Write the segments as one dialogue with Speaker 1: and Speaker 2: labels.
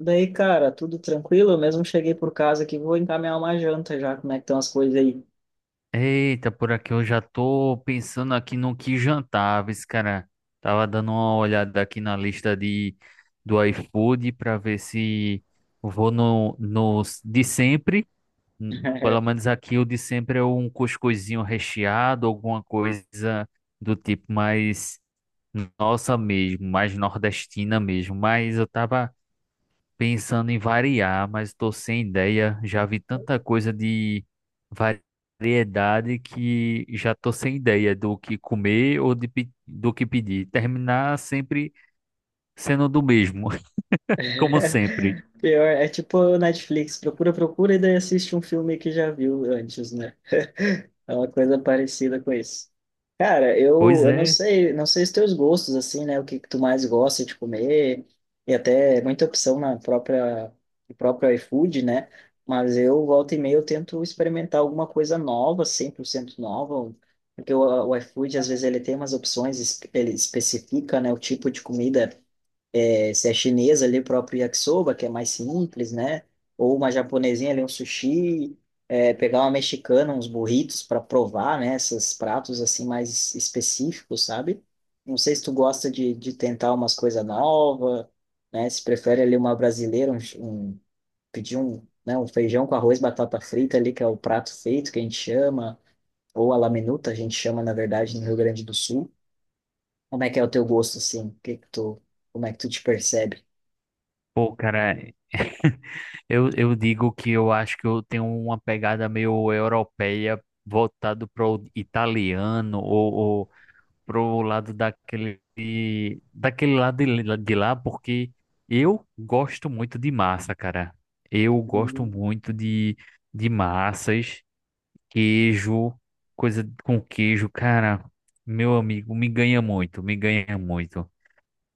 Speaker 1: Daí, cara, tudo tranquilo? Eu mesmo cheguei por casa aqui, vou encaminhar uma janta já, como é que estão as coisas aí.
Speaker 2: Eita, por aqui eu já tô pensando aqui no que jantar, viu, esse cara. Tava dando uma olhada aqui na lista de do iFood para ver se eu vou no, nos de sempre. Pelo menos aqui o de sempre é um cuscuzinho recheado, alguma coisa do tipo mais nossa mesmo, mais nordestina mesmo. Mas eu tava pensando em variar, mas estou sem ideia. Já vi tanta coisa de variedade que já estou sem ideia do que comer ou do que pedir. Terminar sempre sendo do mesmo, como sempre.
Speaker 1: Pior, é tipo Netflix, procura, procura e daí assiste um filme que já viu antes, né? É uma coisa parecida com isso. Cara, eu,
Speaker 2: Pois
Speaker 1: eu não
Speaker 2: é,
Speaker 1: sei, não sei os teus gostos, assim, né? O que tu mais gosta de comer, e até muita opção na própria, no próprio iFood, né? Mas eu, volta e meia, eu tento experimentar alguma coisa nova, 100% nova, porque o iFood, às vezes, ele tem umas opções, ele especifica, né, o tipo de comida é, se é chinesa ali, o próprio yakisoba, que é mais simples, né? Ou uma japonesinha ali, um sushi, é, pegar uma mexicana, uns burritos para provar, né? Esses pratos assim mais específicos, sabe? Não sei se tu gosta de tentar umas coisas novas, né? Se prefere ali uma brasileira, pedir um, né? Um feijão com arroz, batata frita ali, que é o prato feito que a gente chama, ou a laminuta, a gente chama, na verdade, no Rio Grande do Sul. Como é que é o teu gosto, assim? Como é que tu te percebe?
Speaker 2: pô, cara, eu digo que eu acho que eu tenho uma pegada meio europeia voltado para o italiano ou, pro lado daquele daquele lado de lá, porque eu gosto muito de massa, cara. Eu gosto muito de massas, queijo, coisa com queijo, cara. Meu amigo, me ganha muito, me ganha muito.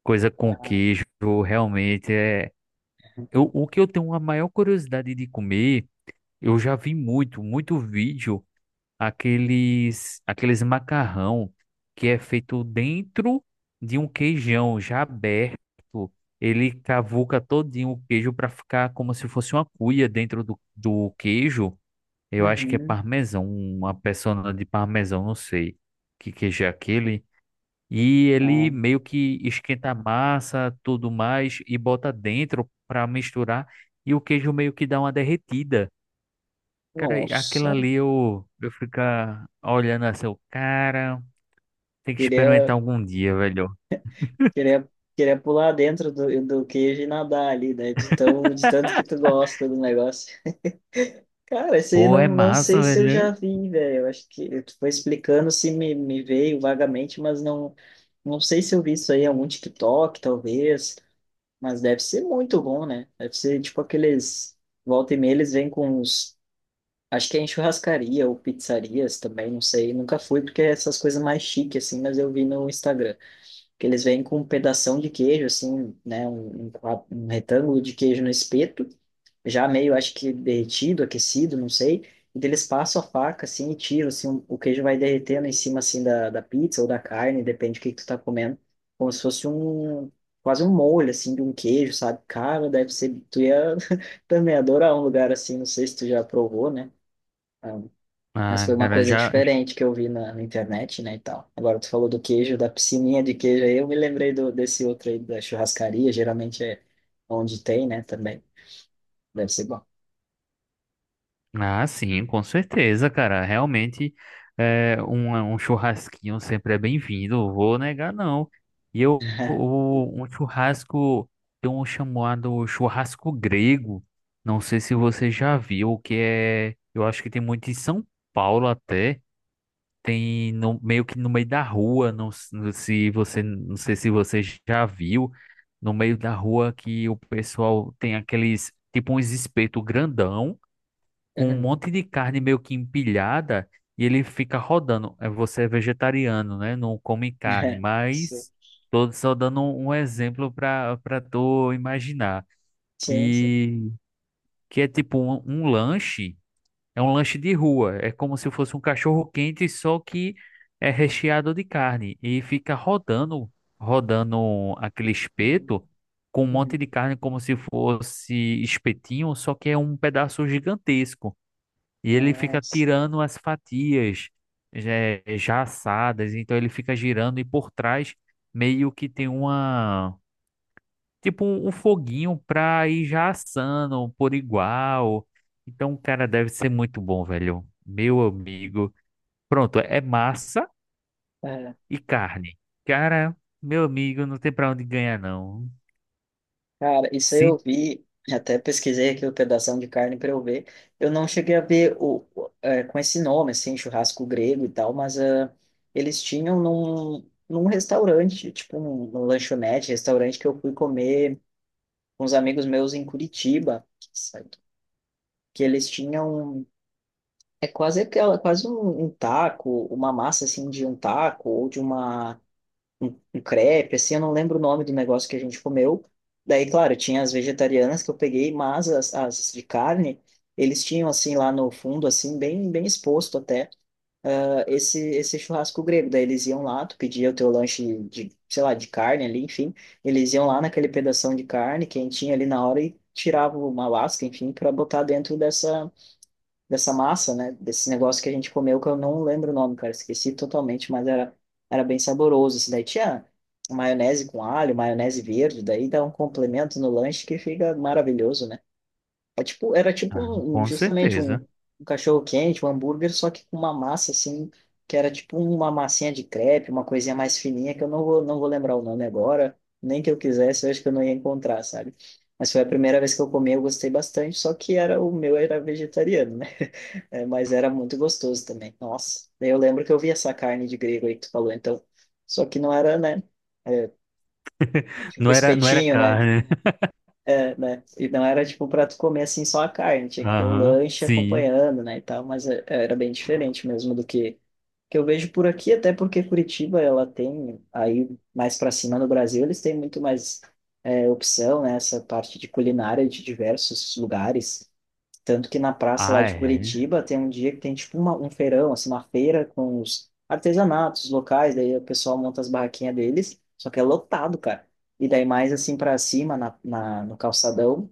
Speaker 2: Coisa com queijo, realmente é. Eu, o que eu tenho a maior curiosidade de comer, eu já vi muito, muito vídeo aqueles aqueles macarrão que é feito dentro de um queijão já aberto. Ele cavuca todinho o queijo para ficar como se fosse uma cuia dentro do, do queijo. Eu acho que é
Speaker 1: Uhum.
Speaker 2: parmesão, uma persona de parmesão, não sei que queijo é aquele. E ele
Speaker 1: Ah,
Speaker 2: meio que esquenta a massa, tudo mais, e bota dentro para misturar. E o queijo meio que dá uma derretida. Cara, e aquilo
Speaker 1: nossa,
Speaker 2: ali eu ficar olhando assim, o cara, tem que experimentar
Speaker 1: queria,
Speaker 2: algum dia, velho.
Speaker 1: queria, queria pular dentro do queijo e nadar ali, né? De tão, de tanto que tu gosta do negócio. Cara, esse aí
Speaker 2: Pô, é
Speaker 1: não, não sei
Speaker 2: massa,
Speaker 1: se eu já
Speaker 2: velho.
Speaker 1: vi, velho. Eu acho que tu foi explicando se me veio vagamente, mas não, não sei se eu vi isso aí em algum TikTok, talvez. Mas deve ser muito bom, né? Deve ser tipo aqueles. Volta e meia, eles vêm com uns. Acho que é em churrascaria ou pizzarias também, não sei. Nunca fui, porque é essas coisas mais chiques, assim, mas eu vi no Instagram. Que eles vêm com um pedação de queijo, assim, né? Um retângulo de queijo no espeto, já meio, acho que derretido, aquecido, não sei. E daí eles passam a faca, assim, e tiram, assim, o queijo vai derretendo em cima, assim, da pizza ou da carne, depende do que tu tá comendo. Como se fosse um, quase um molho, assim, de um queijo, sabe? Cara, deve ser, tu ia também adorar um lugar assim, não sei se tu já provou, né? Mas
Speaker 2: Ah,
Speaker 1: foi uma
Speaker 2: cara,
Speaker 1: coisa
Speaker 2: já.
Speaker 1: diferente que eu vi na internet, né, e tal. Agora, tu falou do queijo, da piscininha de queijo aí, eu me lembrei do, desse outro aí, da churrascaria, geralmente é onde tem, né, também. Deve ser bom.
Speaker 2: Ah, sim, com certeza, cara. Realmente, é, um churrasquinho sempre é bem-vindo, vou negar, não. E eu, o, um churrasco, tem um chamado churrasco grego. Não sei se você já viu, que é. Eu acho que tem muito em São Paulo até. Tem no, meio que no meio da rua, não, não se você, não sei se você já viu, no meio da rua que o pessoal tem aqueles, tipo uns espeto grandão, com um
Speaker 1: Uhum.
Speaker 2: monte de carne meio que empilhada, e ele fica rodando. É, você é vegetariano, né? Não come carne,
Speaker 1: Sim,
Speaker 2: mas tô só dando um exemplo para tu imaginar,
Speaker 1: sim, sim.
Speaker 2: que, que é tipo um lanche é um lanche de rua. É como se fosse um cachorro quente, só que é recheado de carne. E fica rodando, rodando aquele
Speaker 1: Uhum.
Speaker 2: espeto com um monte de
Speaker 1: Uhum.
Speaker 2: carne, como se fosse espetinho, só que é um pedaço gigantesco. E ele fica
Speaker 1: Nossa.
Speaker 2: tirando as fatias já, já assadas. Então ele fica girando e por trás meio que tem uma tipo um, um foguinho pra ir já assando por igual. Então, cara, deve ser muito bom, velho. Meu amigo. Pronto, é massa
Speaker 1: É.
Speaker 2: e carne. Cara, meu amigo, não tem pra onde ganhar, não.
Speaker 1: Cara, isso aí eu
Speaker 2: Sim,
Speaker 1: vi, até pesquisei aqui o pedação de carne para eu ver. Eu não cheguei a ver é, com esse nome, assim, churrasco grego e tal, mas ah, eles tinham num restaurante, tipo num lanchonete, restaurante que eu fui comer com uns amigos meus em Curitiba, sabe? Que eles tinham, é quase aquela, quase um, um taco, uma massa assim de um taco ou de uma um crepe, assim, eu não lembro o nome do negócio que a gente comeu. Daí, claro, tinha as vegetarianas que eu peguei, mas as de carne, eles tinham, assim, lá no fundo, assim, bem, bem exposto até, ah, esse churrasco grego. Daí eles iam lá, tu pedia o teu lanche de, sei lá, de carne ali, enfim, eles iam lá naquele pedação de carne quentinha ali na hora e tiravam uma lasca, enfim, para botar dentro dessa massa, né? Desse negócio que a gente comeu, que eu não lembro o nome, cara, esqueci totalmente, mas era, era bem saboroso. Isso daí tinha maionese com alho, maionese verde, daí dá um complemento no lanche que fica maravilhoso, né? É tipo, era tipo
Speaker 2: ah, com
Speaker 1: justamente
Speaker 2: certeza.
Speaker 1: um, um cachorro quente, um hambúrguer, só que com uma massa assim, que era tipo uma massinha de crepe, uma coisinha mais fininha, que eu não vou, não vou lembrar o nome agora, nem que eu quisesse, eu acho que eu não ia encontrar, sabe? Mas foi a primeira vez que eu comi, eu gostei bastante, só que era o meu era vegetariano, né? É, mas era muito gostoso também. Nossa. Daí eu lembro que eu vi essa carne de grego aí que tu falou, então. Só que não era, né? É, tipo
Speaker 2: Não era, não era
Speaker 1: espetinho, né?
Speaker 2: carne.
Speaker 1: É, né? E não era tipo pra tu comer assim só a carne, tinha que ter um
Speaker 2: Aham,
Speaker 1: lanche
Speaker 2: sim.
Speaker 1: acompanhando, né? E tal, mas era bem diferente mesmo do que eu vejo por aqui, até porque Curitiba ela tem, aí mais pra cima no Brasil, eles têm muito mais é, opção, né? Essa parte de culinária de diversos lugares. Tanto que na praça lá
Speaker 2: Ah,
Speaker 1: de
Speaker 2: é.
Speaker 1: Curitiba tem um dia que tem tipo uma, um feirão, assim, uma feira com os artesanatos locais, daí o pessoal monta as barraquinhas deles, só que é lotado, cara. E daí mais assim para cima, no calçadão,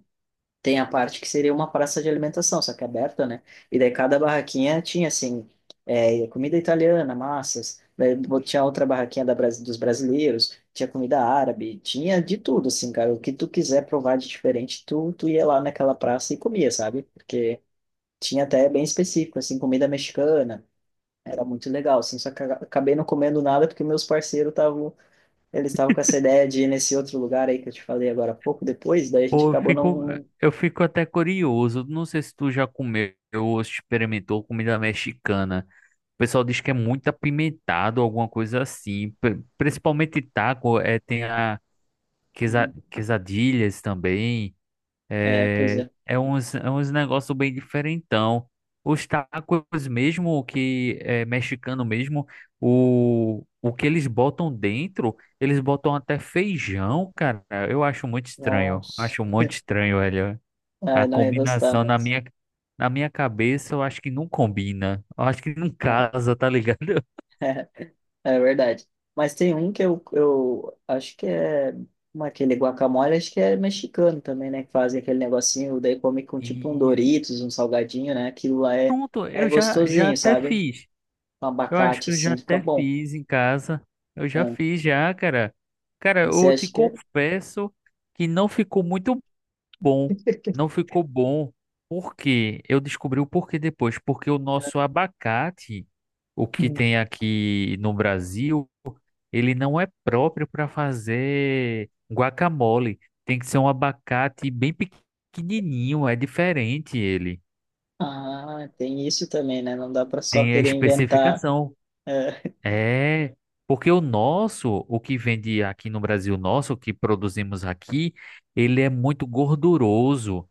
Speaker 1: tem a parte que seria uma praça de alimentação, só que é aberta, né? E daí cada barraquinha tinha assim, é, comida italiana, massas, daí tinha outra barraquinha da, dos brasileiros, tinha comida árabe, tinha de tudo, assim, cara. O que tu quiser provar de diferente, tu ia lá naquela praça e comia, sabe? Porque tinha até bem específico, assim, comida mexicana. Era muito legal, assim, só que eu acabei não comendo nada porque meus parceiros estavam, eles estavam com essa ideia de ir nesse outro lugar aí que eu te falei agora há pouco depois, daí a gente
Speaker 2: Pô,
Speaker 1: acabou não... não-
Speaker 2: eu fico até curioso. Não sei se tu já comeu ou experimentou comida mexicana. O pessoal diz que é muito apimentado, alguma coisa assim. Principalmente taco, é, tem a
Speaker 1: Uhum.
Speaker 2: quesadilhas também.
Speaker 1: É, pois
Speaker 2: É,
Speaker 1: é.
Speaker 2: é uns negócios bem diferentão. Os tacos mesmo, que é mexicano mesmo, o que eles botam dentro, eles botam até feijão, cara. Eu acho muito estranho.
Speaker 1: Nossa.
Speaker 2: Acho muito estranho, velho.
Speaker 1: Ah,
Speaker 2: A
Speaker 1: eu não ia gostar,
Speaker 2: combinação
Speaker 1: mas...
Speaker 2: na minha cabeça, eu acho que não combina. Eu acho que não
Speaker 1: É,
Speaker 2: casa, tá ligado?
Speaker 1: é verdade. Mas tem um que eu acho que é... como é aquele guacamole, acho que é mexicano também, né? Que fazem aquele negocinho, daí come com tipo um
Speaker 2: E
Speaker 1: Doritos, um salgadinho, né? Aquilo lá é,
Speaker 2: pronto,
Speaker 1: é
Speaker 2: eu já, já
Speaker 1: gostosinho,
Speaker 2: até
Speaker 1: sabe?
Speaker 2: fiz.
Speaker 1: Um
Speaker 2: Eu acho
Speaker 1: abacate,
Speaker 2: que eu já
Speaker 1: assim, fica
Speaker 2: até
Speaker 1: bom.
Speaker 2: fiz em casa. Eu já
Speaker 1: Ah,
Speaker 2: fiz já, cara. Cara,
Speaker 1: você
Speaker 2: eu te
Speaker 1: acha que... é?
Speaker 2: confesso que não ficou muito bom. Não ficou bom. Por quê? Eu descobri o porquê depois. Porque o nosso abacate, o que
Speaker 1: Uhum.
Speaker 2: tem aqui no Brasil, ele não é próprio para fazer guacamole. Tem que ser um abacate bem pequenininho, é diferente ele.
Speaker 1: Ah, tem isso também, né? Não dá para só
Speaker 2: Tem a
Speaker 1: querer inventar.
Speaker 2: especificação.
Speaker 1: É.
Speaker 2: É, porque o nosso, o que vende aqui no Brasil, nosso, o que produzimos aqui, ele é muito gorduroso.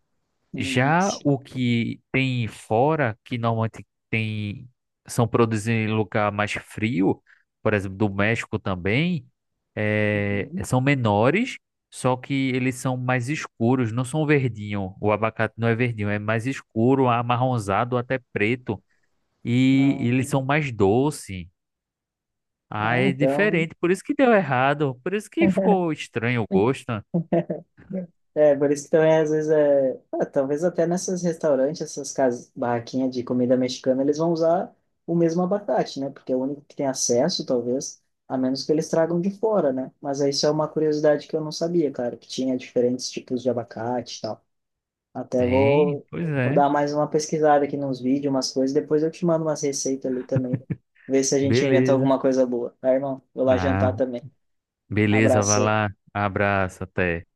Speaker 2: Já
Speaker 1: Sim.
Speaker 2: o que tem fora, que normalmente tem, são produzidos em lugar mais frio, por exemplo, do México também, é,
Speaker 1: Uhum.
Speaker 2: são menores, só que eles são mais escuros, não são verdinho. O abacate não é verdinho, é mais escuro, amarronzado, até preto. E,
Speaker 1: Ah,
Speaker 2: eles são mais doces. Ah,
Speaker 1: ah,
Speaker 2: é
Speaker 1: então...
Speaker 2: diferente. Por isso que deu errado. Por isso que ficou estranho o gosto, né?
Speaker 1: É, por isso que também, às vezes, é... ah, talvez até nesses restaurantes, essas casas, barraquinhas de comida mexicana, eles vão usar o mesmo abacate, né? Porque é o único que tem acesso, talvez, a menos que eles tragam de fora, né? Mas isso é uma curiosidade que eu não sabia, cara, que tinha diferentes tipos de abacate e tal. Até
Speaker 2: Tem,
Speaker 1: vou,
Speaker 2: pois
Speaker 1: vou
Speaker 2: é.
Speaker 1: dar mais uma pesquisada aqui nos vídeos, umas coisas. Depois eu te mando umas receitas ali também. Ver se a gente inventa
Speaker 2: Beleza.
Speaker 1: alguma coisa boa. Tá, irmão? Vou lá jantar
Speaker 2: Ah,
Speaker 1: também.
Speaker 2: beleza,
Speaker 1: Abraço
Speaker 2: vai lá.
Speaker 1: aí.
Speaker 2: Abraço, até.